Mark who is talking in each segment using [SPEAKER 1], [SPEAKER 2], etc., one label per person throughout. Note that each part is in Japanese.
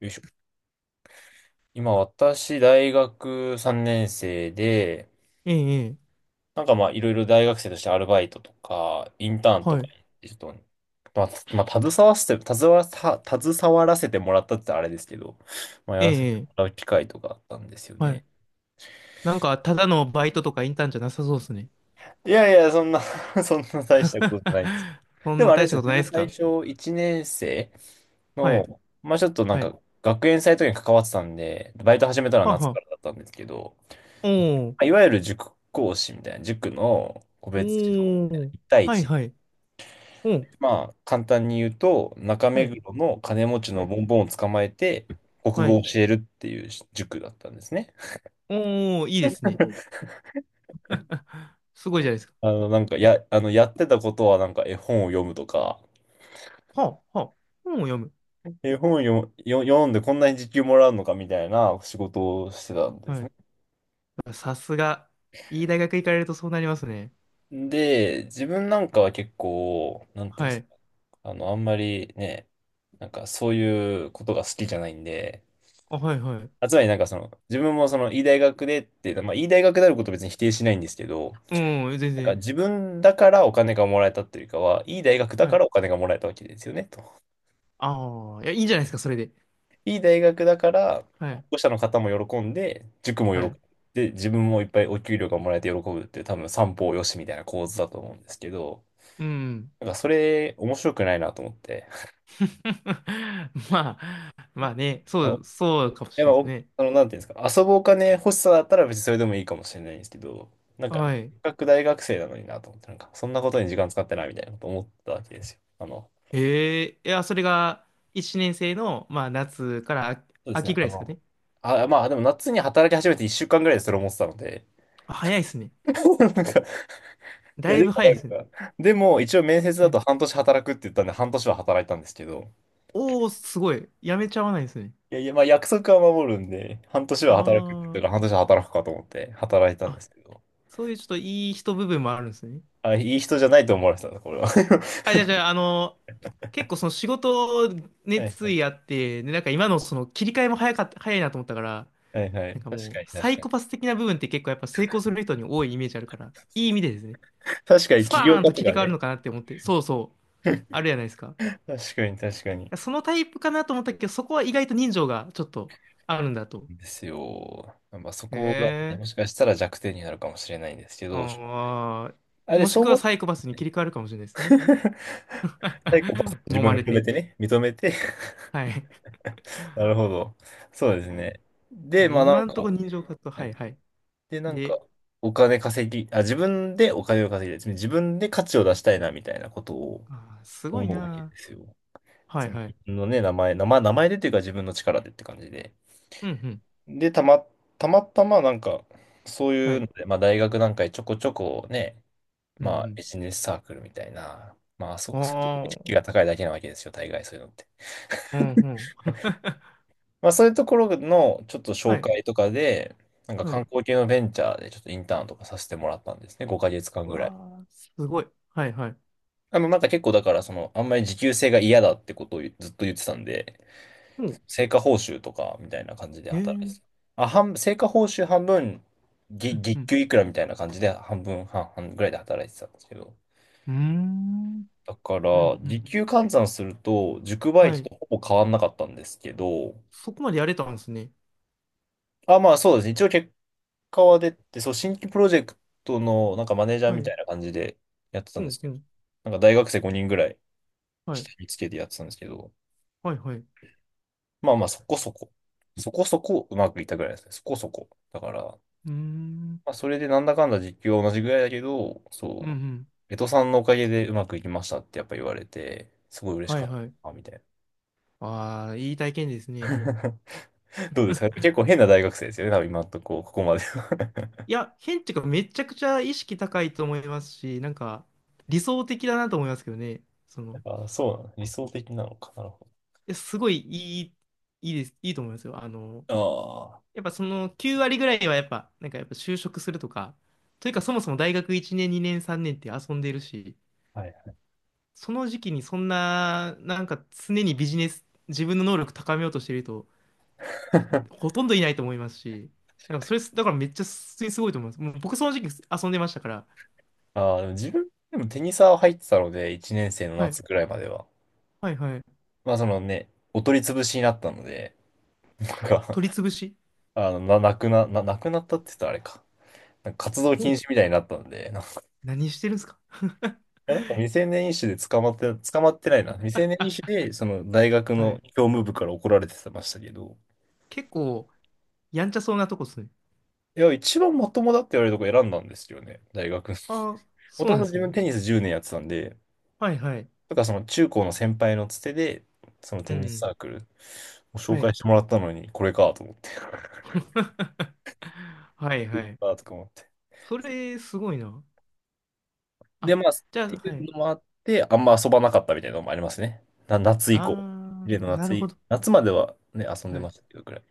[SPEAKER 1] よいしょ。今、私、大学3年生で、
[SPEAKER 2] ええ、ええ、
[SPEAKER 1] なんかまあ、いろいろ大学生としてアルバイトとか、インターンと
[SPEAKER 2] は
[SPEAKER 1] か
[SPEAKER 2] い。
[SPEAKER 1] に、ちょっと、まあ、まあ、携わらせてもらったって言ったらあれですけど、まあ、や
[SPEAKER 2] え
[SPEAKER 1] らせても
[SPEAKER 2] え、ええ
[SPEAKER 1] らう機会とかあったんですよ
[SPEAKER 2] はい。
[SPEAKER 1] ね。
[SPEAKER 2] なんか、ただのバイトとかインターンじゃなさそうですね。
[SPEAKER 1] いやいや、そんな そんな大し たことじゃないですけど。
[SPEAKER 2] そ
[SPEAKER 1] で
[SPEAKER 2] ん
[SPEAKER 1] も
[SPEAKER 2] な
[SPEAKER 1] あれ
[SPEAKER 2] 大
[SPEAKER 1] で
[SPEAKER 2] し
[SPEAKER 1] す
[SPEAKER 2] た
[SPEAKER 1] よ、
[SPEAKER 2] こと
[SPEAKER 1] 自
[SPEAKER 2] ないで
[SPEAKER 1] 分
[SPEAKER 2] す
[SPEAKER 1] 最
[SPEAKER 2] か？
[SPEAKER 1] 初、1年生
[SPEAKER 2] はい、
[SPEAKER 1] の、まあ、ちょっとなん
[SPEAKER 2] はい。
[SPEAKER 1] か、学園祭とかに関わってたんで、バイト始めたのは
[SPEAKER 2] はあ
[SPEAKER 1] 夏
[SPEAKER 2] は
[SPEAKER 1] から
[SPEAKER 2] あ。
[SPEAKER 1] だったんですけど、
[SPEAKER 2] おー、
[SPEAKER 1] いわゆる塾講師みたいな、塾の個
[SPEAKER 2] お
[SPEAKER 1] 別指導みたいな、
[SPEAKER 2] ー、
[SPEAKER 1] 1対
[SPEAKER 2] はい、
[SPEAKER 1] 1。
[SPEAKER 2] はい。おー、
[SPEAKER 1] まあ、簡単に言うと、中
[SPEAKER 2] は
[SPEAKER 1] 目
[SPEAKER 2] い、
[SPEAKER 1] 黒の金持ち
[SPEAKER 2] は
[SPEAKER 1] の
[SPEAKER 2] い、
[SPEAKER 1] ボンボンを捕まえて、国
[SPEAKER 2] は
[SPEAKER 1] 語を
[SPEAKER 2] い。
[SPEAKER 1] 教えるっていう塾だったんですね。
[SPEAKER 2] おー、いいですね。すごいじゃないですか。
[SPEAKER 1] あの、なんか、や、あの、やってたことは、なんか、絵本を読むとか、
[SPEAKER 2] はあ、はあ、本を読む。
[SPEAKER 1] 絵本を読んでこんなに時給もらうのかみたいな仕事をしてたんです
[SPEAKER 2] は
[SPEAKER 1] ね。
[SPEAKER 2] い。さすが、いい大学行かれるとそうなりますね。
[SPEAKER 1] で、自分なんかは結構、なんていうんで
[SPEAKER 2] は
[SPEAKER 1] す
[SPEAKER 2] い。
[SPEAKER 1] か、あの、あんまりね、なんか、そういうことが好きじゃないんで、
[SPEAKER 2] あ、はい、はい。
[SPEAKER 1] つまりなんかその、自分もその、いい大学でっていうのは、まあ、いい大学であることを別に否定しないんですけど、
[SPEAKER 2] うん、全
[SPEAKER 1] なんか
[SPEAKER 2] 然。
[SPEAKER 1] 自分だからお金がもらえたっていうよりかは、いい大学だ
[SPEAKER 2] は
[SPEAKER 1] か
[SPEAKER 2] い。
[SPEAKER 1] らお金がもらえたわけですよね、と。
[SPEAKER 2] ああ、いや、いいんじゃないですか、それで。
[SPEAKER 1] いい大学だから、
[SPEAKER 2] は
[SPEAKER 1] 保
[SPEAKER 2] い、
[SPEAKER 1] 護者の方も喜んで、塾も喜
[SPEAKER 2] はい。
[SPEAKER 1] んで、自分もいっぱいお給料がもらえて喜ぶっていう、多分三方よしみたいな構図だと思うんですけど、
[SPEAKER 2] うん。
[SPEAKER 1] なんかそれ面白くないなと思って。
[SPEAKER 2] まあ、まあね、そう、そうかも
[SPEAKER 1] や
[SPEAKER 2] し
[SPEAKER 1] っ
[SPEAKER 2] れ
[SPEAKER 1] ぱ
[SPEAKER 2] ないです
[SPEAKER 1] お、
[SPEAKER 2] ね。
[SPEAKER 1] あの、なんていうんですか、遊ぶお金欲しさだったら別にそれでもいいかもしれないんですけど、なんか、
[SPEAKER 2] はい。
[SPEAKER 1] せっかく大学生なのになと思って、なんか、そんなことに時間使ってないみたいなこと思ったわけですよ。あの、
[SPEAKER 2] ええいや、それが1年生の、まあ、夏から秋
[SPEAKER 1] そうです
[SPEAKER 2] 秋
[SPEAKER 1] ね、
[SPEAKER 2] ぐらいですかね。
[SPEAKER 1] まあ、でも夏に働き始めて1週間ぐらいでそれ思ってたので、
[SPEAKER 2] あ早いですね。
[SPEAKER 1] なんか、い
[SPEAKER 2] だ
[SPEAKER 1] や、
[SPEAKER 2] い
[SPEAKER 1] で
[SPEAKER 2] ぶ
[SPEAKER 1] も
[SPEAKER 2] 早い
[SPEAKER 1] な
[SPEAKER 2] で
[SPEAKER 1] ん
[SPEAKER 2] すね。
[SPEAKER 1] か、でも一応面接だ
[SPEAKER 2] はい。
[SPEAKER 1] と半年働くって言ったんで、半年は働いたんですけど、
[SPEAKER 2] おー、すごい。やめちゃわないですね。
[SPEAKER 1] いやいや、まあ約束は守るんで、半年は働くって言った
[SPEAKER 2] あ
[SPEAKER 1] から半年は働くかと思って働いた
[SPEAKER 2] あ、
[SPEAKER 1] んで
[SPEAKER 2] あ、
[SPEAKER 1] すけど、
[SPEAKER 2] そういうちょっといい人部分もあるんですね。
[SPEAKER 1] いい人じゃないと思われてたな、これは。
[SPEAKER 2] あ、じゃあ、じゃあ、あの、結構その仕事
[SPEAKER 1] は
[SPEAKER 2] 熱
[SPEAKER 1] い
[SPEAKER 2] 意あって、で、なんか今のその切り替えも早かった、早いなと思ったから、
[SPEAKER 1] はいは
[SPEAKER 2] なん
[SPEAKER 1] い。
[SPEAKER 2] か
[SPEAKER 1] 確
[SPEAKER 2] も
[SPEAKER 1] か
[SPEAKER 2] う、
[SPEAKER 1] に
[SPEAKER 2] サ
[SPEAKER 1] 確
[SPEAKER 2] イ
[SPEAKER 1] かに。
[SPEAKER 2] コパス的な部分って結構やっぱ成功する人に多いイメージあるから、いい意味でですね、
[SPEAKER 1] 確かに
[SPEAKER 2] ス
[SPEAKER 1] 起
[SPEAKER 2] パ
[SPEAKER 1] 業
[SPEAKER 2] ー
[SPEAKER 1] 家
[SPEAKER 2] ンと
[SPEAKER 1] と
[SPEAKER 2] 切り
[SPEAKER 1] か
[SPEAKER 2] 替わる
[SPEAKER 1] ね。
[SPEAKER 2] のかなって思って、そうそう、あるじゃないですか。
[SPEAKER 1] 確かに確かに。
[SPEAKER 2] そのタイプかなと思ったけど、そこは意外と人情がちょっとあるんだと。
[SPEAKER 1] ですよ。まあそ
[SPEAKER 2] へ
[SPEAKER 1] こがね、
[SPEAKER 2] え、
[SPEAKER 1] もしかしたら弱点になるかもしれないんですけど、将来。
[SPEAKER 2] ああ、
[SPEAKER 1] で、
[SPEAKER 2] もし
[SPEAKER 1] そう
[SPEAKER 2] くは
[SPEAKER 1] 思っ
[SPEAKER 2] サイコパスに
[SPEAKER 1] てね、
[SPEAKER 2] 切り替わるかもしれないですね。
[SPEAKER 1] サイコパス 自
[SPEAKER 2] 揉
[SPEAKER 1] 分
[SPEAKER 2] ま
[SPEAKER 1] を
[SPEAKER 2] れ
[SPEAKER 1] 認め
[SPEAKER 2] て。
[SPEAKER 1] てね、認めて。
[SPEAKER 2] はい。
[SPEAKER 1] なるほど。そうです
[SPEAKER 2] ね
[SPEAKER 1] ね。
[SPEAKER 2] ま
[SPEAKER 1] で、
[SPEAKER 2] あ
[SPEAKER 1] まあなん
[SPEAKER 2] 今んと
[SPEAKER 1] か、
[SPEAKER 2] ころ人情か活動、
[SPEAKER 1] は
[SPEAKER 2] はい
[SPEAKER 1] い。
[SPEAKER 2] はい。
[SPEAKER 1] で、なんか、
[SPEAKER 2] で、
[SPEAKER 1] お金稼ぎ、あ、自分でお金を稼ぎたい。つまり自分で価値を出したいな、みたいなことを
[SPEAKER 2] あー、すごい
[SPEAKER 1] 思うわけ
[SPEAKER 2] な
[SPEAKER 1] ですよ。
[SPEAKER 2] ー。はい
[SPEAKER 1] その
[SPEAKER 2] はい。
[SPEAKER 1] 自分のね、名前でというか自分の力でって感じで。
[SPEAKER 2] うんうん。
[SPEAKER 1] で、たまたまなんか、そう
[SPEAKER 2] は
[SPEAKER 1] いうの
[SPEAKER 2] い。
[SPEAKER 1] で、まあ大学なんかでちょこちょこね、
[SPEAKER 2] う
[SPEAKER 1] まあビ
[SPEAKER 2] ん
[SPEAKER 1] ジネスサークルみたいな、
[SPEAKER 2] うん。
[SPEAKER 1] そういうとこ意識が
[SPEAKER 2] あ
[SPEAKER 1] 高いだけなわけですよ、大概そういうのって。
[SPEAKER 2] あ、うんうん。
[SPEAKER 1] まあそういうところのちょっと
[SPEAKER 2] は
[SPEAKER 1] 紹
[SPEAKER 2] い。
[SPEAKER 1] 介とかで、なんか
[SPEAKER 2] は
[SPEAKER 1] 観
[SPEAKER 2] い。
[SPEAKER 1] 光系のベンチャーでちょっとインターンとかさせてもらったんですね、5ヶ月間ぐらい。
[SPEAKER 2] わあ、すごい。はいはい。
[SPEAKER 1] あの、なんか結構だから、その、あんまり時給制が嫌だってことをずっと言ってたんで、
[SPEAKER 2] うん。
[SPEAKER 1] 成果報酬とかみたいな感じで
[SPEAKER 2] ええ
[SPEAKER 1] 働いてた。
[SPEAKER 2] ー。
[SPEAKER 1] 成果報酬半分、
[SPEAKER 2] うんう
[SPEAKER 1] 月
[SPEAKER 2] ん。
[SPEAKER 1] 給いくらみたいな感じで半分、半々ぐらいで働いてたんですけど。
[SPEAKER 2] うーん。うん
[SPEAKER 1] だか
[SPEAKER 2] う
[SPEAKER 1] ら、時
[SPEAKER 2] ん。
[SPEAKER 1] 給換算すると、塾バイ
[SPEAKER 2] は
[SPEAKER 1] ト
[SPEAKER 2] い。
[SPEAKER 1] とほぼ変わんなかったんですけど、
[SPEAKER 2] そこまでやれたんですね。
[SPEAKER 1] まあそうですね。一応結果は出て、そう、新規プロジェクトのなんかマネージャー
[SPEAKER 2] は
[SPEAKER 1] み
[SPEAKER 2] い。
[SPEAKER 1] たいな感じでやってた
[SPEAKER 2] う
[SPEAKER 1] んで
[SPEAKER 2] ん
[SPEAKER 1] す
[SPEAKER 2] う
[SPEAKER 1] けど、
[SPEAKER 2] ん。
[SPEAKER 1] なんか大学生5人ぐらい
[SPEAKER 2] はい。
[SPEAKER 1] 下につけてやってたんですけど、
[SPEAKER 2] はいはい。う
[SPEAKER 1] まあまあそこそこ、そこそこうまくいったぐらいですね。そこそこ。だから、
[SPEAKER 2] ーん。
[SPEAKER 1] まあ、それでなんだかんだ実況は同じぐらいだけど、
[SPEAKER 2] うんう
[SPEAKER 1] そう、
[SPEAKER 2] ん。
[SPEAKER 1] 江戸さんのおかげでうまくいきましたってやっぱ言われて、すごい嬉し
[SPEAKER 2] は
[SPEAKER 1] か
[SPEAKER 2] い
[SPEAKER 1] っ
[SPEAKER 2] はい。
[SPEAKER 1] たみたい
[SPEAKER 2] ああ、いい体験です
[SPEAKER 1] な。
[SPEAKER 2] ね。
[SPEAKER 1] どうですか、結構変な大学生ですよね、多分今のとこ、ここまでは。
[SPEAKER 2] いや、変っていうか、めちゃくちゃ意識高いと思いますし、なんか、理想的だなと思いますけどね。その、
[SPEAKER 1] そうなの、理想的なのか。なるほ
[SPEAKER 2] え、すごいいい、いいです、いいと思いますよ。あの、
[SPEAKER 1] ど。
[SPEAKER 2] やっぱその9割ぐらいはやっぱ、なんかやっぱ就職するとか、というかそもそも大学1年、2年、3年って遊んでるし、
[SPEAKER 1] ああ、はい。
[SPEAKER 2] その時期にそんな、なんか常にビジネス、自分の能力高めようとしてる人ってほ とんどいないと思いますし、なんかそれ、だからめっちゃ普通にすごいと思います。もう僕その時期遊んでましたから、
[SPEAKER 1] ああ、でも自分、でもテニサー入ってたので、1年生の
[SPEAKER 2] はい、
[SPEAKER 1] 夏くらいまでは。
[SPEAKER 2] はい、はい。
[SPEAKER 1] まあ、そのね、お取り潰しになったので、なんか、
[SPEAKER 2] 取り潰し。
[SPEAKER 1] なくなったって言ったらあれか。なんか活動
[SPEAKER 2] ほ
[SPEAKER 1] 禁
[SPEAKER 2] う、
[SPEAKER 1] 止みたいになったので、
[SPEAKER 2] 何してるんですか？
[SPEAKER 1] いや、なんか未成年医師で捕まって、捕まってないな。未成年医師で、その大学
[SPEAKER 2] は
[SPEAKER 1] の
[SPEAKER 2] い。
[SPEAKER 1] 教務部から怒られてましたけど、
[SPEAKER 2] 結構、やんちゃそうなとこっすね。
[SPEAKER 1] いや、一番まともだって言われるとこ選んだんですよね、大学。
[SPEAKER 2] ああ、
[SPEAKER 1] も
[SPEAKER 2] そう
[SPEAKER 1] と
[SPEAKER 2] な
[SPEAKER 1] も
[SPEAKER 2] ん
[SPEAKER 1] と
[SPEAKER 2] です
[SPEAKER 1] 自分
[SPEAKER 2] ね。
[SPEAKER 1] テニス10年やってたんで、
[SPEAKER 2] はい、はい。
[SPEAKER 1] だからその中高の先輩のつてで、その
[SPEAKER 2] う
[SPEAKER 1] テニス
[SPEAKER 2] ん、
[SPEAKER 1] サークルを紹
[SPEAKER 2] はい。
[SPEAKER 1] 介してもらったのに、これかと思って、こ
[SPEAKER 2] はい
[SPEAKER 1] れ
[SPEAKER 2] はい。
[SPEAKER 1] かとか思って。
[SPEAKER 2] それ、すごいな。
[SPEAKER 1] で、
[SPEAKER 2] あ、
[SPEAKER 1] まあ、っ
[SPEAKER 2] じゃあ、
[SPEAKER 1] ていう
[SPEAKER 2] はい。
[SPEAKER 1] のもあって、あんま遊ばなかったみたいなのもありますね。夏以降。
[SPEAKER 2] あ
[SPEAKER 1] 例の
[SPEAKER 2] ー、な
[SPEAKER 1] 夏
[SPEAKER 2] るほ
[SPEAKER 1] い、
[SPEAKER 2] ど。
[SPEAKER 1] 夏まではね、遊んで
[SPEAKER 2] は
[SPEAKER 1] ま
[SPEAKER 2] い。
[SPEAKER 1] したけど、ぐらい。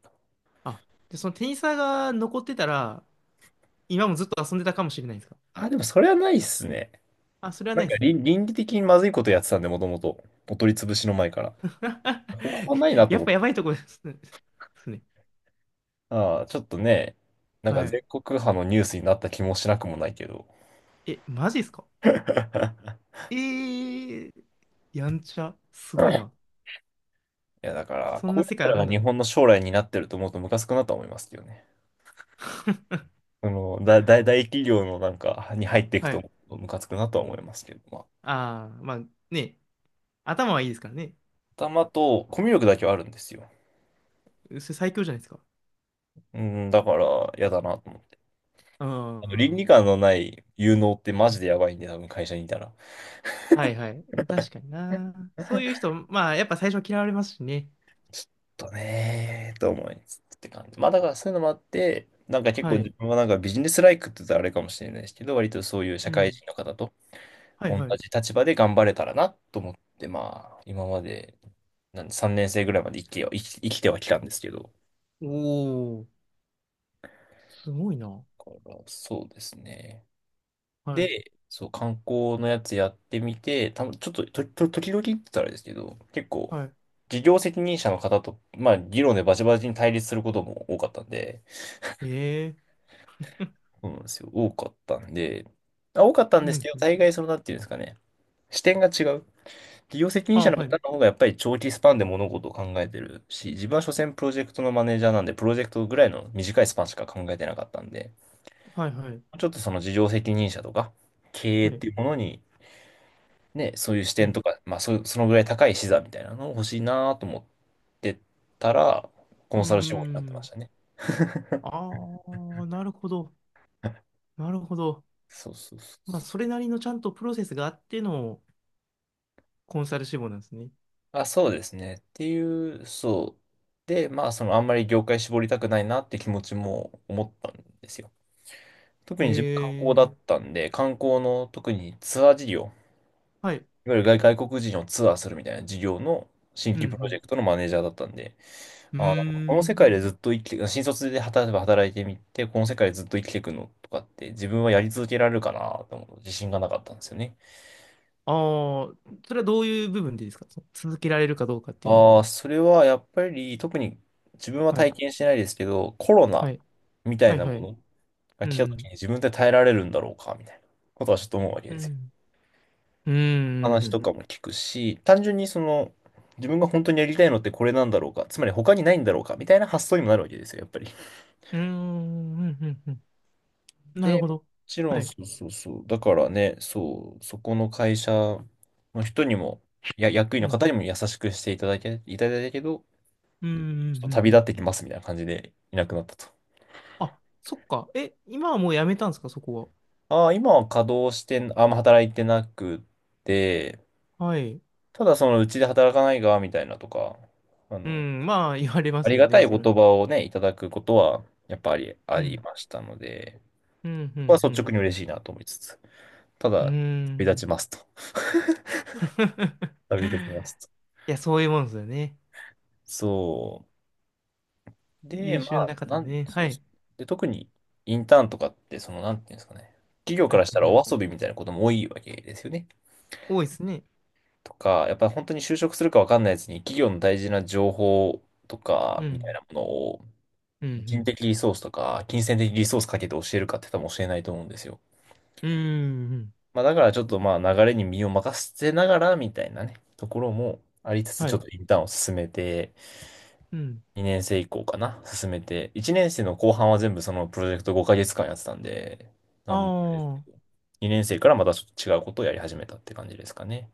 [SPEAKER 2] あ、じゃあそのテニサーが残ってたら、今もずっと遊んでたかもしれないですか？
[SPEAKER 1] でもそれはないっすね。
[SPEAKER 2] あ、それは
[SPEAKER 1] な
[SPEAKER 2] な
[SPEAKER 1] ん
[SPEAKER 2] いで
[SPEAKER 1] か
[SPEAKER 2] す。
[SPEAKER 1] 倫理的にまずいことやってたんで、もともと。お取り潰しの前から。ここはないなと
[SPEAKER 2] やっ
[SPEAKER 1] 思っ
[SPEAKER 2] ぱや
[SPEAKER 1] て。
[SPEAKER 2] ばいとこですね。ですね
[SPEAKER 1] ああ、ちょっとね、なんか
[SPEAKER 2] はい。
[SPEAKER 1] 全国派のニュースになった気もしなくもないけど。
[SPEAKER 2] え、マジですか？
[SPEAKER 1] い
[SPEAKER 2] えー、やんちゃ。すごいな。
[SPEAKER 1] や、だから、
[SPEAKER 2] そん
[SPEAKER 1] こう
[SPEAKER 2] な
[SPEAKER 1] い
[SPEAKER 2] 世
[SPEAKER 1] う人
[SPEAKER 2] 界ある
[SPEAKER 1] ら
[SPEAKER 2] ん
[SPEAKER 1] が日
[SPEAKER 2] だ。
[SPEAKER 1] 本の将来になってると思うとムカつくなとは思いますけどね。その、大企業のなんかに入っていく
[SPEAKER 2] は
[SPEAKER 1] と
[SPEAKER 2] い。
[SPEAKER 1] 思うとムカつくなとは思いますけど、まあ、
[SPEAKER 2] あー、まあね、頭はいいですからね。
[SPEAKER 1] 頭とコミュ力だけはあるんですよ。
[SPEAKER 2] それ最強じゃないですか。
[SPEAKER 1] うん、だから、嫌だなと思って。
[SPEAKER 2] う
[SPEAKER 1] あの、倫
[SPEAKER 2] ん。
[SPEAKER 1] 理観のない有能ってマジでやばいんで、多分会社にいたら。
[SPEAKER 2] はいはい。確かにな。そういう人、まあ、やっぱ最初嫌われますしね。
[SPEAKER 1] ちょっとねーと思いつつって感じ。まあだからそういうのもあって、なんか結
[SPEAKER 2] は
[SPEAKER 1] 構自
[SPEAKER 2] い。
[SPEAKER 1] 分はなんかビジネスライクって言ったらあれかもしれないですけど、割とそういう
[SPEAKER 2] う
[SPEAKER 1] 社会
[SPEAKER 2] ん。
[SPEAKER 1] 人の方と
[SPEAKER 2] はい
[SPEAKER 1] 同
[SPEAKER 2] はい。
[SPEAKER 1] じ立場で頑張れたらなと思って、まあ今まで3年生ぐらいまで生きてはきたんですけど、
[SPEAKER 2] おお、すごいな。
[SPEAKER 1] だからそうですね。
[SPEAKER 2] はい。
[SPEAKER 1] で、そう、観光のやつやってみて、たぶんちょっと、時々って言ったらあれですけど、結構、
[SPEAKER 2] はい。
[SPEAKER 1] 事業責任者の方と、まあ、議論でバチバチに対立することも多かったんで、
[SPEAKER 2] ええ
[SPEAKER 1] そうなんですよ。多かったんで、多かったん
[SPEAKER 2] う
[SPEAKER 1] ですけ
[SPEAKER 2] ん。
[SPEAKER 1] ど、
[SPEAKER 2] うん
[SPEAKER 1] 大概その、なんていうんですかね。視点が違う。企業責任者
[SPEAKER 2] あ、
[SPEAKER 1] の
[SPEAKER 2] は
[SPEAKER 1] 方
[SPEAKER 2] い。
[SPEAKER 1] の方がやっぱり長期スパンで物事を考えてるし、自分は所詮プロジェクトのマネージャーなんで、プロジェクトぐらいの短いスパンしか考えてなかったんで、
[SPEAKER 2] はいはい。
[SPEAKER 1] ちょっとその事業責任者とか、経営
[SPEAKER 2] は
[SPEAKER 1] っ
[SPEAKER 2] い。
[SPEAKER 1] ていうものに、ね、そういう視
[SPEAKER 2] う
[SPEAKER 1] 点
[SPEAKER 2] ん。
[SPEAKER 1] とか、まあそのぐらい高い視座みたいなのを欲しいなと思ってたら、コ
[SPEAKER 2] うー
[SPEAKER 1] ンサル志望になってまし
[SPEAKER 2] ん。
[SPEAKER 1] たね。
[SPEAKER 2] ああ、なるほど。なるほど。
[SPEAKER 1] そうそうそ
[SPEAKER 2] まあ、そ
[SPEAKER 1] う。
[SPEAKER 2] れなりのちゃんとプロセスがあってのコンサル志望なんですね。
[SPEAKER 1] あ、そうですね。っていう、そう。で、まあ、その、あんまり業界絞りたくないなって気持ちも思ったんですよ。特に自分観光だ
[SPEAKER 2] え
[SPEAKER 1] っ
[SPEAKER 2] え
[SPEAKER 1] たんで、観光の特にツアー事業、
[SPEAKER 2] はい。
[SPEAKER 1] いわゆる外国人をツアーするみたいな事業の新
[SPEAKER 2] う
[SPEAKER 1] 規プロジ
[SPEAKER 2] ん。
[SPEAKER 1] ェクトのマネージャーだったんで、
[SPEAKER 2] うん。うー
[SPEAKER 1] あー、この世界
[SPEAKER 2] ん。
[SPEAKER 1] でずっと生きて、新卒で働例えば働いてみて、この世界でずっと生きていくのとかって自分はやり続けられるかなと思う自信がなかったんですよね。
[SPEAKER 2] ああ、それはどういう部分でですかその続けられるかどうかっていうの
[SPEAKER 1] ああ、それはやっぱり特に自分は
[SPEAKER 2] は。はい
[SPEAKER 1] 体験してないですけど、コロナ
[SPEAKER 2] はい。
[SPEAKER 1] みたい
[SPEAKER 2] はい
[SPEAKER 1] な
[SPEAKER 2] は
[SPEAKER 1] も
[SPEAKER 2] い。
[SPEAKER 1] のが
[SPEAKER 2] う
[SPEAKER 1] 来た時
[SPEAKER 2] ん。
[SPEAKER 1] に自分で耐えられるんだろうかみたいなことはちょっと思うわけ
[SPEAKER 2] う
[SPEAKER 1] ですよ。
[SPEAKER 2] ん。うん。う
[SPEAKER 1] 話
[SPEAKER 2] ん。
[SPEAKER 1] とかも聞くし、単純にその自分が本当にやりたいのってこれなんだろうか、つまり他にないんだろうかみたいな発想にもなるわけですよ、やっぱり。
[SPEAKER 2] うん。うんうんうんなる
[SPEAKER 1] で、
[SPEAKER 2] ほ
[SPEAKER 1] も
[SPEAKER 2] ど。
[SPEAKER 1] ちろ
[SPEAKER 2] は
[SPEAKER 1] んそ
[SPEAKER 2] い。
[SPEAKER 1] うそうそう。だからね、そう、そこの会社の人にも、や、役員
[SPEAKER 2] う
[SPEAKER 1] の
[SPEAKER 2] ん。
[SPEAKER 1] 方にも優しくしていただけ、いただいたけど、
[SPEAKER 2] うん。う
[SPEAKER 1] ちょ
[SPEAKER 2] ん
[SPEAKER 1] っと
[SPEAKER 2] うん
[SPEAKER 1] 旅立ってきますみたいな感じでいなくなったと。
[SPEAKER 2] あ、そっか。え、今はもうやめたんですか、そこ
[SPEAKER 1] ああ、今は稼働してん、あんま働いてなくて、
[SPEAKER 2] は。はい。
[SPEAKER 1] ただそのうちで働かないが、みたいなとか、あ
[SPEAKER 2] う
[SPEAKER 1] の、
[SPEAKER 2] ん。まあ、言われま
[SPEAKER 1] あ
[SPEAKER 2] す
[SPEAKER 1] り
[SPEAKER 2] よ
[SPEAKER 1] がた
[SPEAKER 2] ね、
[SPEAKER 1] い
[SPEAKER 2] それ。
[SPEAKER 1] 言葉をね、いただくことは、やっぱりあ
[SPEAKER 2] う
[SPEAKER 1] り
[SPEAKER 2] ん。
[SPEAKER 1] ましたので、
[SPEAKER 2] うん。う
[SPEAKER 1] ここは率
[SPEAKER 2] ん。
[SPEAKER 1] 直に嬉しいなと思いつつ、た
[SPEAKER 2] うん。う
[SPEAKER 1] だ、旅
[SPEAKER 2] ん
[SPEAKER 1] 立ちますと。旅立ちます と。
[SPEAKER 2] いや、そういうもんですよね。
[SPEAKER 1] そう。で、
[SPEAKER 2] 優
[SPEAKER 1] ま
[SPEAKER 2] 秀
[SPEAKER 1] あ、
[SPEAKER 2] な方はね。は
[SPEAKER 1] そうそ
[SPEAKER 2] い。
[SPEAKER 1] う。で、特にインターンとかって、その、なんていうんですかね、企業
[SPEAKER 2] は
[SPEAKER 1] から
[SPEAKER 2] い。
[SPEAKER 1] したら
[SPEAKER 2] はい。
[SPEAKER 1] お遊びみたいなことも多いわけですよね。
[SPEAKER 2] 多いですね。
[SPEAKER 1] とか、やっぱり本当に就職するかわかんないやつに企業の大事な情報と
[SPEAKER 2] う
[SPEAKER 1] か、みたい
[SPEAKER 2] ん。
[SPEAKER 1] なものを、
[SPEAKER 2] う
[SPEAKER 1] 人
[SPEAKER 2] ん。
[SPEAKER 1] 的リソースとか、金銭的リソースかけて教えるかって多分教えないと思うんですよ。
[SPEAKER 2] うん。うん。うん
[SPEAKER 1] まあだからちょっとまあ流れに身を任せながらみたいなね、ところもありつつ、
[SPEAKER 2] は
[SPEAKER 1] ちょっ
[SPEAKER 2] い。
[SPEAKER 1] とインターンを進めて、
[SPEAKER 2] うん。
[SPEAKER 1] 2年生以降かな、進めて、1年生の後半は全部そのプロジェクト5ヶ月間やってたんで、な
[SPEAKER 2] あ
[SPEAKER 1] んもあれですけど、
[SPEAKER 2] あ。
[SPEAKER 1] 2年生からまたちょっと違うことをやり始めたって感じですかね。